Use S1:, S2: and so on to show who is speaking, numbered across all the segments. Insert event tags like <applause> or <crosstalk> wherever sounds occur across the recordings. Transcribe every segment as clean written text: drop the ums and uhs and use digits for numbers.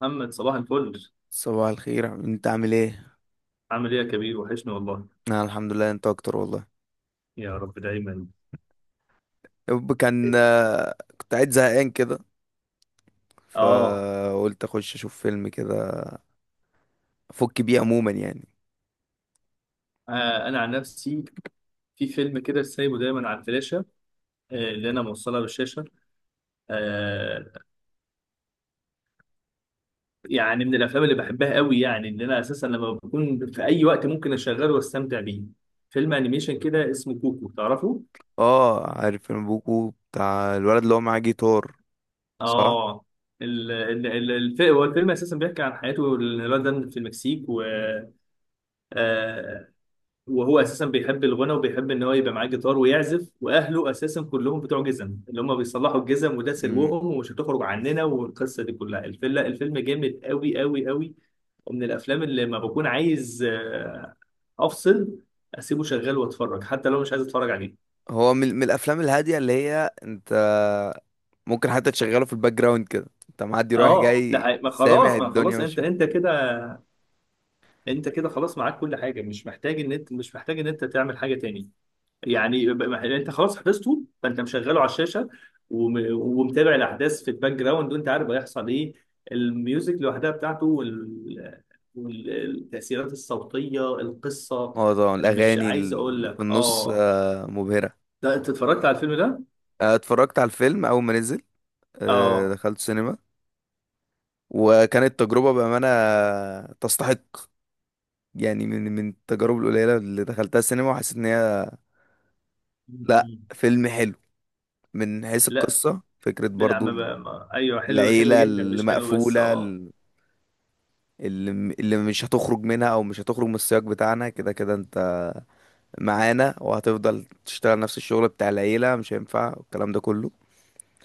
S1: محمد صباح الفل.
S2: صباح الخير يا حبيبي، انت عامل ايه؟
S1: عامل ايه يا كبير، وحشني والله.
S2: انا الحمد لله، انت اكتر والله.
S1: يا رب دايما.
S2: يب كان كنت قاعد زهقان كده،
S1: اه،
S2: فقلت اخش اشوف فيلم كده افك بيه عموما يعني.
S1: انا عن نفسي في فيلم كده سايبه دايما على الفلاشه، اللي انا موصلها بالشاشه. آه، يعني من الافلام اللي بحبها قوي، يعني اللي انا اساسا لما بكون في اي وقت ممكن اشغله واستمتع بيه، فيلم انيميشن كده اسمه كوكو، تعرفه؟
S2: اه عارف فيلم بوكو بتاع الولد اللي هو معاه جيتار، صح.
S1: اه. هو الفيلم اساسا بيحكي عن حياته الولد ده في المكسيك، و آه، وهو اساسا بيحب الغنى وبيحب ان هو يبقى معاه جيتار ويعزف، واهله اساسا كلهم بتوع جزم، اللي هم بيصلحوا الجزم، وده
S2: امم.
S1: سلوهم ومش هتخرج عننا، والقصه دي كلها. الفيلم جامد قوي قوي قوي. ومن الافلام اللي ما بكون عايز افصل، اسيبه شغال واتفرج حتى لو مش عايز اتفرج عليه.
S2: هو من الافلام الهاديه اللي هي انت ممكن حتى تشغله في الباك جراوند كده، انت معدي رايح
S1: اه ده
S2: جاي
S1: حقيقي. ما خلاص،
S2: سامع
S1: ما
S2: الدنيا
S1: خلاص، انت
S2: ماشيه.
S1: انت كده، انت كده خلاص معاك كل حاجه، مش محتاج ان انت، مش محتاج ان انت تعمل حاجه تاني. يعني يعني انت خلاص حفظته، فانت مشغله على الشاشه، ومتابع الاحداث في الباك جراوند وانت عارف هيحصل ايه. الميوزك لوحدها بتاعته والتاثيرات الصوتيه، القصه.
S2: اه طبعا
S1: مش
S2: الاغاني
S1: عايز اقول
S2: اللي في
S1: لك
S2: النص
S1: اه،
S2: مبهره.
S1: ده انت اتفرجت على الفيلم ده؟
S2: اتفرجت على الفيلم اول ما نزل،
S1: اه.
S2: دخلت سينما وكانت تجربة بأمانة تستحق. يعني من التجارب القليلة اللي دخلتها السينما وحسيت إن هي، لأ
S1: مم.
S2: فيلم حلو من حيث
S1: لا
S2: القصة، فكرة
S1: من
S2: برضو.
S1: عم بقى ما... ايوه حلو، حلو
S2: العيلة
S1: جدا،
S2: اللي
S1: مش حلو بس،
S2: مقفولة،
S1: اه.
S2: اللي اللي مش هتخرج منها أو مش هتخرج من السياق بتاعنا، كده كده أنت معانا وهتفضل تشتغل نفس الشغل بتاع العيلة، مش هينفع والكلام ده كله.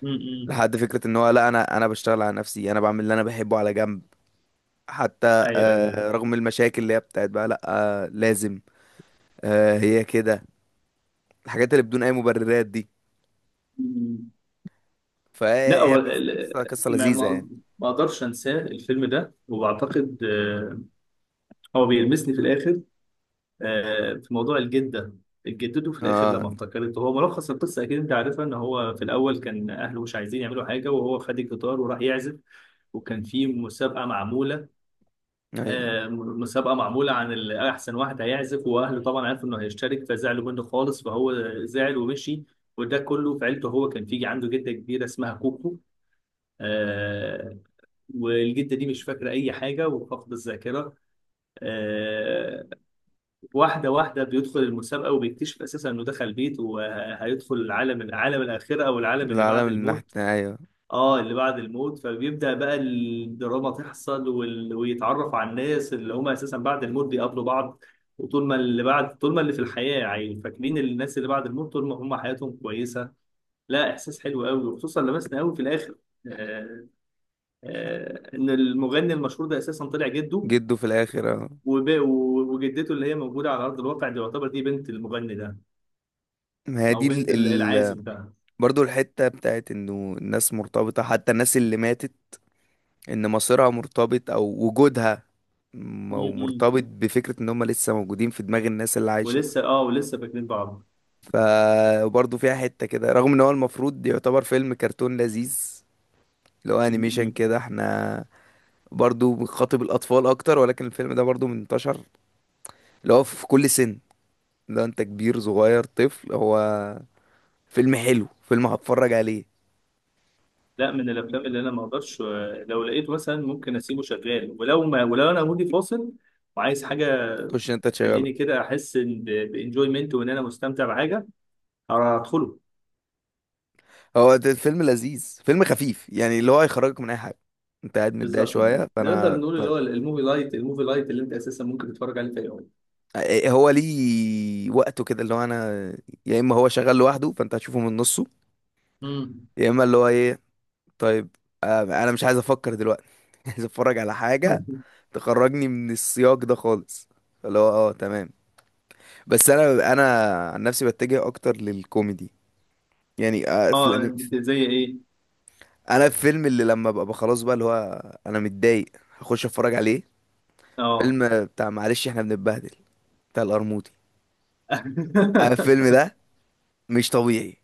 S1: مم.
S2: لحد فكرة إن هو لأ، أنا بشتغل على نفسي، أنا بعمل اللي أنا بحبه على جنب. حتى
S1: ايوه ايوه.
S2: رغم المشاكل اللي هي بتاعت بقى لأ. لازم. هي كده الحاجات اللي بدون اي مبررات دي.
S1: مم. لا
S2: فا
S1: هو
S2: بحس
S1: ال-
S2: قصه
S1: ما
S2: لذيذه
S1: ما
S2: يعني.
S1: ما اقدرش انساه الفيلم ده، وبعتقد هو بيلمسني في الاخر، في موضوع الجده. جدته في الاخر
S2: اه.
S1: لما افتكرته، هو ملخص القصه اكيد انت عارفها، ان هو في الاول كان اهله مش عايزين يعملوا حاجه، وهو خد الجيتار وراح يعزف. وكان في مسابقه معموله،
S2: ايوه.
S1: مسابقه معموله عن احسن واحد هيعزف، واهله طبعا عرفوا انه هيشترك فزعلوا منه خالص، فهو زعل ومشي. وده كله في عيلته. هو كان في عنده جده كبيره اسمها كوكو، آه، والجده دي مش فاكره اي حاجه وفاقده الذاكره. آه، واحدة واحدة بيدخل المسابقة وبيكتشف أساسا إنه دخل بيت، وهيدخل العالم، الآخرة، أو العالم اللي
S2: العالم
S1: بعد
S2: اللي
S1: الموت.
S2: نحت، ايوه.
S1: آه اللي بعد الموت، فبيبدأ بقى الدراما تحصل ويتعرف على الناس اللي هم أساسا بعد الموت بيقابلوا بعض. وطول ما اللي بعد، طول ما اللي في الحياة يعني فاكرين الناس اللي بعد الموت، طول ما هم حياتهم كويسة. لا إحساس حلو قوي، وخصوصا لمسنا قوي في الآخر. آه. آه إن المغني المشهور ده أساسا طلع جده.
S2: جده في الاخر، اه.
S1: وب- وجدته اللي هي موجودة على أرض الواقع دي، يعتبر دي بنت المغني ده،
S2: ما هي
S1: او
S2: دي ال...
S1: بنت
S2: ال...
S1: العازب ده.
S2: برضو الحته بتاعت انه الناس مرتبطه، حتى الناس اللي ماتت، ان مصيرها مرتبط او وجودها
S1: مم.
S2: مرتبط بفكره ان هم لسه موجودين في دماغ الناس اللي عايشه.
S1: ولسه اه، ولسه فاكرين بعض.
S2: فبرضه فيها حته كده، رغم ان هو المفروض يعتبر فيلم كرتون لذيذ، اللي هو انيميشن
S1: مم.
S2: كده، احنا برضو بيخاطب الأطفال أكتر، ولكن الفيلم ده برضو منتشر اللي هو في كل سن. لو أنت كبير صغير طفل، هو فيلم حلو، فيلم هتفرج عليه.
S1: لا من الافلام اللي انا ما اقدرش، لو لقيت مثلا ممكن اسيبه شغال. ولو ما، ولو انا مودي فاصل وعايز حاجه،
S2: خش أنت تشغله.
S1: تخليني كده احس إن بانجويمنت وان انا مستمتع بحاجه، هدخله.
S2: هو ده فيلم لذيذ، فيلم خفيف يعني اللي هو هيخرجك من أي حاجة. أنت قاعد متضايق
S1: بالظبط.
S2: شوية
S1: نقدر
S2: فأنا
S1: نقول اللي
S2: طيب.
S1: هو الموفي لايت، الموفي لايت، اللي انت اساسا ممكن تتفرج عليه في اي وقت.
S2: إيه هو ليه وقته كده، اللي هو أنا يا إما هو شغال لوحده فأنت هتشوفه من نصه،
S1: م.
S2: يا إما اللي هو إيه، طيب، أنا مش عايز أفكر دلوقتي، <laughs> عايز أتفرج على حاجة
S1: <laughs>
S2: تخرجني من السياق ده خالص، اللي هو اه تمام. بس انا عن نفسي بتجه اكتر للكوميدي، يعني في الأنمي.
S1: اه زي ايه؟
S2: انا الفيلم اللي لما ببقى خلاص بقى اللي هو انا متضايق هخش اتفرج عليه
S1: اه.
S2: فيلم بتاع معلش احنا بنتبهدل، بتاع القرموطي. انا الفيلم
S1: <laughs>
S2: ده مش طبيعي،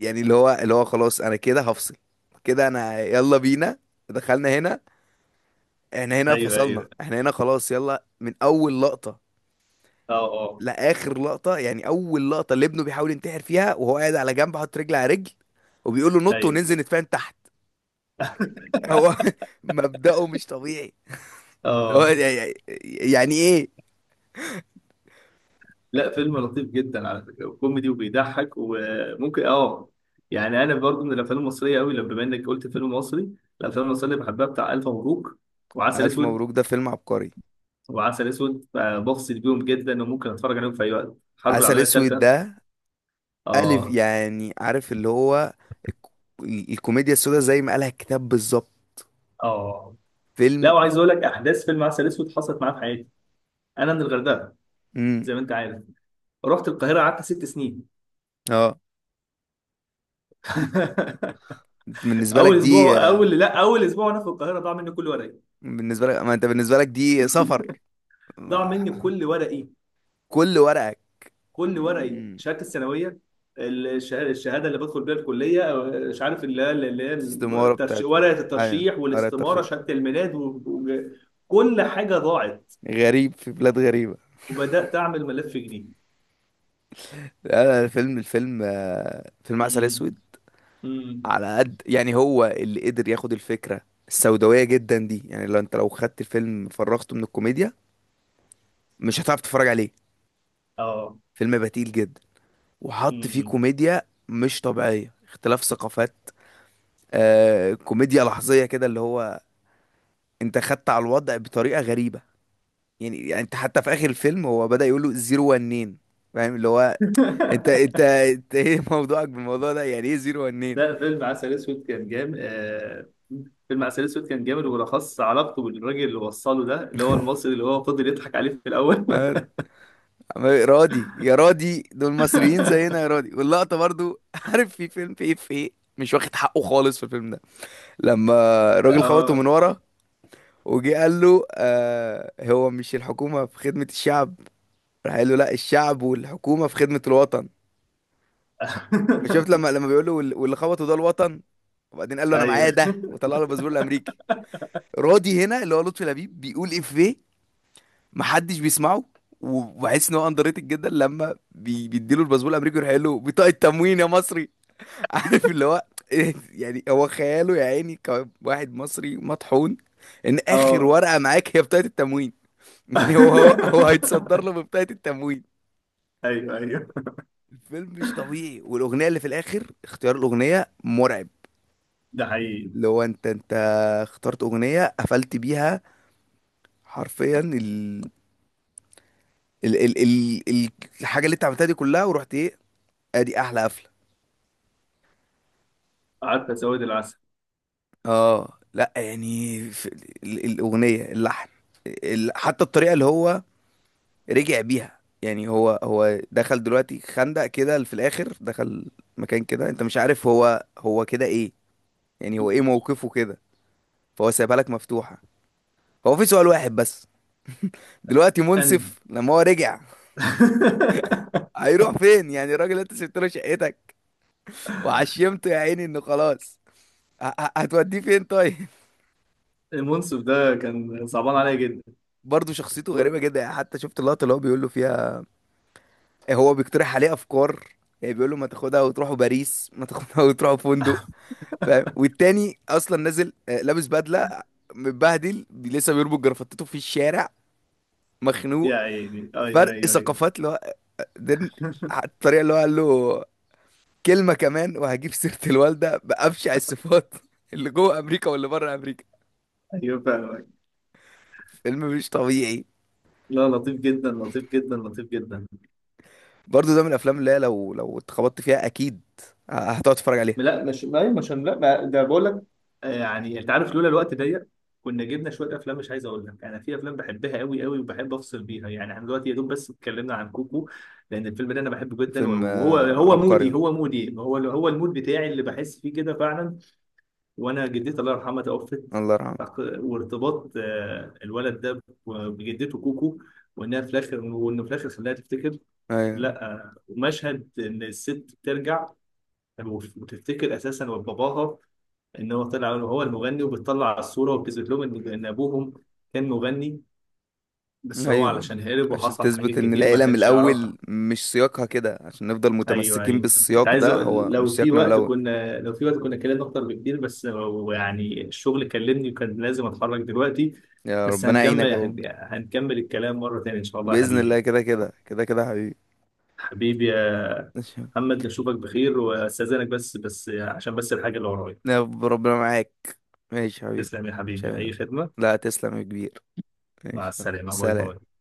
S2: يعني اللي هو خلاص انا كده هفصل كده، انا يلا بينا، دخلنا هنا، احنا هنا
S1: ايوه
S2: فصلنا،
S1: ايوه،
S2: احنا هنا خلاص يلا من اول لقطة
S1: اه اه،
S2: لاخر لقطة. يعني اول لقطة اللي ابنه بيحاول ينتحر فيها وهو قاعد على جنب حاطط رجل على رجل وبيقول له نط
S1: ايوه،
S2: وننزل نتفاهم تحت. هو <laughs> مبدأه مش طبيعي، اللي هو
S1: اه.
S2: يعني يعني ايه.
S1: لا فيلم لطيف جدا على فكره، وكوميدي وبيضحك وممكن اه. يعني انا برضو من الافلام المصريه قوي، لما بما انك قلت فيلم مصري، الافلام المصريه اللي بحبها بتاع الف مبروك، وعسل
S2: ألف
S1: اسود.
S2: مبروك ده فيلم عبقري.
S1: وعسل اسود بفصل بيهم جدا، وممكن اتفرج عليهم في اي وقت، الحرب
S2: عسل
S1: العالميه
S2: اسود
S1: الثالثه.
S2: ده ألف
S1: اه.
S2: يعني عارف اللي هو الك- الكوميديا السوداء زي ما قالها الكتاب بالظبط.
S1: اه. لا
S2: فيلم.
S1: وعايز اقول لك احداث فيلم عسل اسود حصلت معايا في حياتي. انا من الغردقه
S2: امم.
S1: زي ما انت عارف. رحت القاهره قعدت ست سنين.
S2: اه.
S1: <laughs>
S2: بالنسبة لك
S1: اول
S2: دي،
S1: اسبوع، اول، لا اول اسبوع وانا في القاهره ضاع مني كل ورقي.
S2: بالنسبة لك ما انت بالنسبة لك دي سفر. <laughs>
S1: ضاع مني كل ورقي،
S2: كل ورقك.
S1: كل ورقي،
S2: مم.
S1: شهاده الثانويه، الشهاده اللي بدخل بيها الكليه، أو مش عارف اللي هي، اللي هي،
S2: استمارة بتاعت.
S1: ورقه
S2: ايوه
S1: الترشيح
S2: ورقة
S1: والاستماره،
S2: ترشيح.
S1: شهاده الميلاد، كل حاجه ضاعت،
S2: غريب في بلاد غريبة.
S1: وبدات اعمل ملف جديد.
S2: لا لا، الفيلم الفيلم فيلم عسل اسود
S1: امم. امم.
S2: على قد يعني هو اللي قدر ياخد الفكرة السوداوية جدا دي. يعني لو انت لو خدت الفيلم فرغته من الكوميديا مش هتعرف تتفرج عليه.
S1: اه.
S2: فيلم بتيل جدا وحط فيه
S1: امم.
S2: كوميديا مش طبيعية، اختلاف ثقافات، آه كوميديا لحظية كده اللي هو انت خدت على الوضع بطريقة غريبة. يعني انت حتى في اخر الفيلم هو بدأ يقول له زيرو ونين، فاهم اللي هو انت انت
S1: <laughs>
S2: انت ايه موضوعك بالموضوع ده، يعني ايه زيرو ونين.
S1: لا فيلم عسل اسود كان جامد. فيلم عسل اسود كان جامد، وبالاخص علاقته بالراجل اللي وصله ده، اللي هو المصري اللي هو فضل يضحك عليه في الاول.
S2: رادي يا رادي، دول مصريين زينا يا
S1: <laughs>
S2: رادي، واللقطة برضو <laughs> عارف في فيلم في ايه في ايه مش واخد حقه خالص في الفيلم ده، لما الراجل خبطه من
S1: اه.
S2: ورا وجي قال له آه، هو مش الحكومة في خدمة الشعب؟ راح قال له لا، الشعب والحكومة في خدمة الوطن. شفت لما
S1: <laughs>
S2: لما بيقول له واللي خبطه ده الوطن، وبعدين قال له انا
S1: ايوه،
S2: معايا ده وطلع له الباسبور الامريكي. رادي هنا اللي هو لطفي لبيب بيقول افيه محدش بيسمعه. وبحس ان هو اندر ريتد جدا لما بيديله الباسبور الامريكي ويروح قايل له بطاقه تموين يا مصري. عارف اللي هو إيه، يعني هو خياله يا عيني كواحد مصري مطحون، ان اخر
S1: اه.
S2: ورقة معاك هي بطاقة التموين. <laughs> يعني هو هيتصدر
S1: <laughs>
S2: له ببطاقة التموين.
S1: ايوه ايوه،
S2: الفيلم مش طبيعي، والاغنية اللي في الاخر اختيار الاغنية مرعب،
S1: ده حقيقي.
S2: اللي هو انت اخترت اغنية قفلت بيها حرفيا ال الحاجة اللي انت عملتها دي كلها ورحت ايه، ادي احلى قفلة.
S1: قعدت اسود العسل.
S2: اه لا يعني في الاغنية اللحن، حتى الطريقة اللي هو رجع بيها. يعني هو دخل دلوقتي خندق كده في الاخر، دخل مكان كده انت مش عارف هو هو كده ايه، يعني هو ايه موقفه كده، فهو سايبها لك مفتوحة. هو في سؤال واحد بس دلوقتي،
S1: انهي؟
S2: منصف لما هو رجع
S1: <laughs>
S2: هيروح فين؟ يعني الراجل انت سبت له شقتك وعشمته يا عيني انه خلاص، هتوديه فين طيب؟
S1: المنصف ده كان صعبان عليا جدا.
S2: <laughs> برضه شخصيته
S1: و-
S2: غريبة جدا، يعني حتى شفت اللقطة اللي هو بيقول له فيها، هو بيقترح عليه افكار، يعني بيقول له ما تاخدها وتروحوا باريس، ما تاخدها وتروحوا فندق، فاهم؟ والتاني اصلا نازل لابس بدله متبهدل لسه بيربط جرافطته في الشارع،
S1: يا
S2: مخنوق.
S1: عيني ايوه
S2: فرق
S1: ايوه ايوه.
S2: ثقافات اللي هو ده الطريقه اللي هو قال له كلمه كمان وهجيب سيره الوالده بابشع الصفات، <laughs> اللي جوه امريكا واللي بره امريكا.
S1: ايوه فاهمك.
S2: فيلم مش طبيعي.
S1: لا لطيف جدا، لطيف جدا، لطيف جدا.
S2: برضه ده من الافلام اللي هي لو لو اتخبطت فيها اكيد هتقعد تتفرج عليها.
S1: لا مش ما مش، لا ما ده بقول لك، يعني انت عارف، لولا الوقت ضيق كنا جبنا شويه افلام. مش عايز اقول لك، انا في افلام بحبها قوي قوي وبحب افصل بيها. يعني احنا دلوقتي يا دوب بس اتكلمنا عن كوكو، لان الفيلم ده انا بحبه جدا.
S2: فيلم
S1: وهو هو مودي،
S2: عبقري.
S1: هو مودي، هو المود بتاعي اللي بحس فيه كده فعلا. وانا جدتي الله يرحمها توفت.
S2: الله يرحمه.
S1: وارتباط الولد ده بجدته كوكو، وانها في الاخر، وانه في الاخر خلاها تفتكر.
S2: ايوه
S1: لا ومشهد ان الست بترجع وتفتكر اساسا باباها، ان هو طلع هو المغني، وبتطلع على الصوره وبتثبت لهم ان إن ابوهم كان مغني، بس هو
S2: ايوه،
S1: علشان هرب
S2: عشان
S1: وحصل حاجات
S2: تثبت ان
S1: كتير ما
S2: العيله من
S1: كانش يعرفها.
S2: الاول مش سياقها كده، عشان نفضل
S1: ايوه
S2: متمسكين
S1: ايوه، انت
S2: بالسياق
S1: عايز
S2: ده، هو مش
S1: لو في
S2: سياقنا من
S1: وقت
S2: الاول.
S1: كنا، لو في وقت كنا اتكلمنا اكتر بكتير، بس هو يعني الشغل كلمني وكان لازم اتحرك دلوقتي.
S2: يا
S1: بس
S2: ربنا يعينك
S1: هنكمل،
S2: يا بابا.
S1: هنكمل الكلام مره تانيه ان شاء الله يا
S2: باذن الله،
S1: حبيبي.
S2: كده كده كده كده حبيبي.
S1: حبيبي يا
S2: ماشي يا بابا.
S1: محمد، نشوفك بخير واستاذنك بس، بس عشان بس الحاجه اللي ورايا.
S2: <laughs> يا رب ربنا معاك. ماشي يا حبيبي.
S1: تسلم يا
S2: ماشي يا
S1: حبيبي، اي
S2: بابا.
S1: خدمه.
S2: لا تسلم يا كبير.
S1: مع
S2: ماشي يلا.
S1: السلامة، باي
S2: سلام.
S1: باي.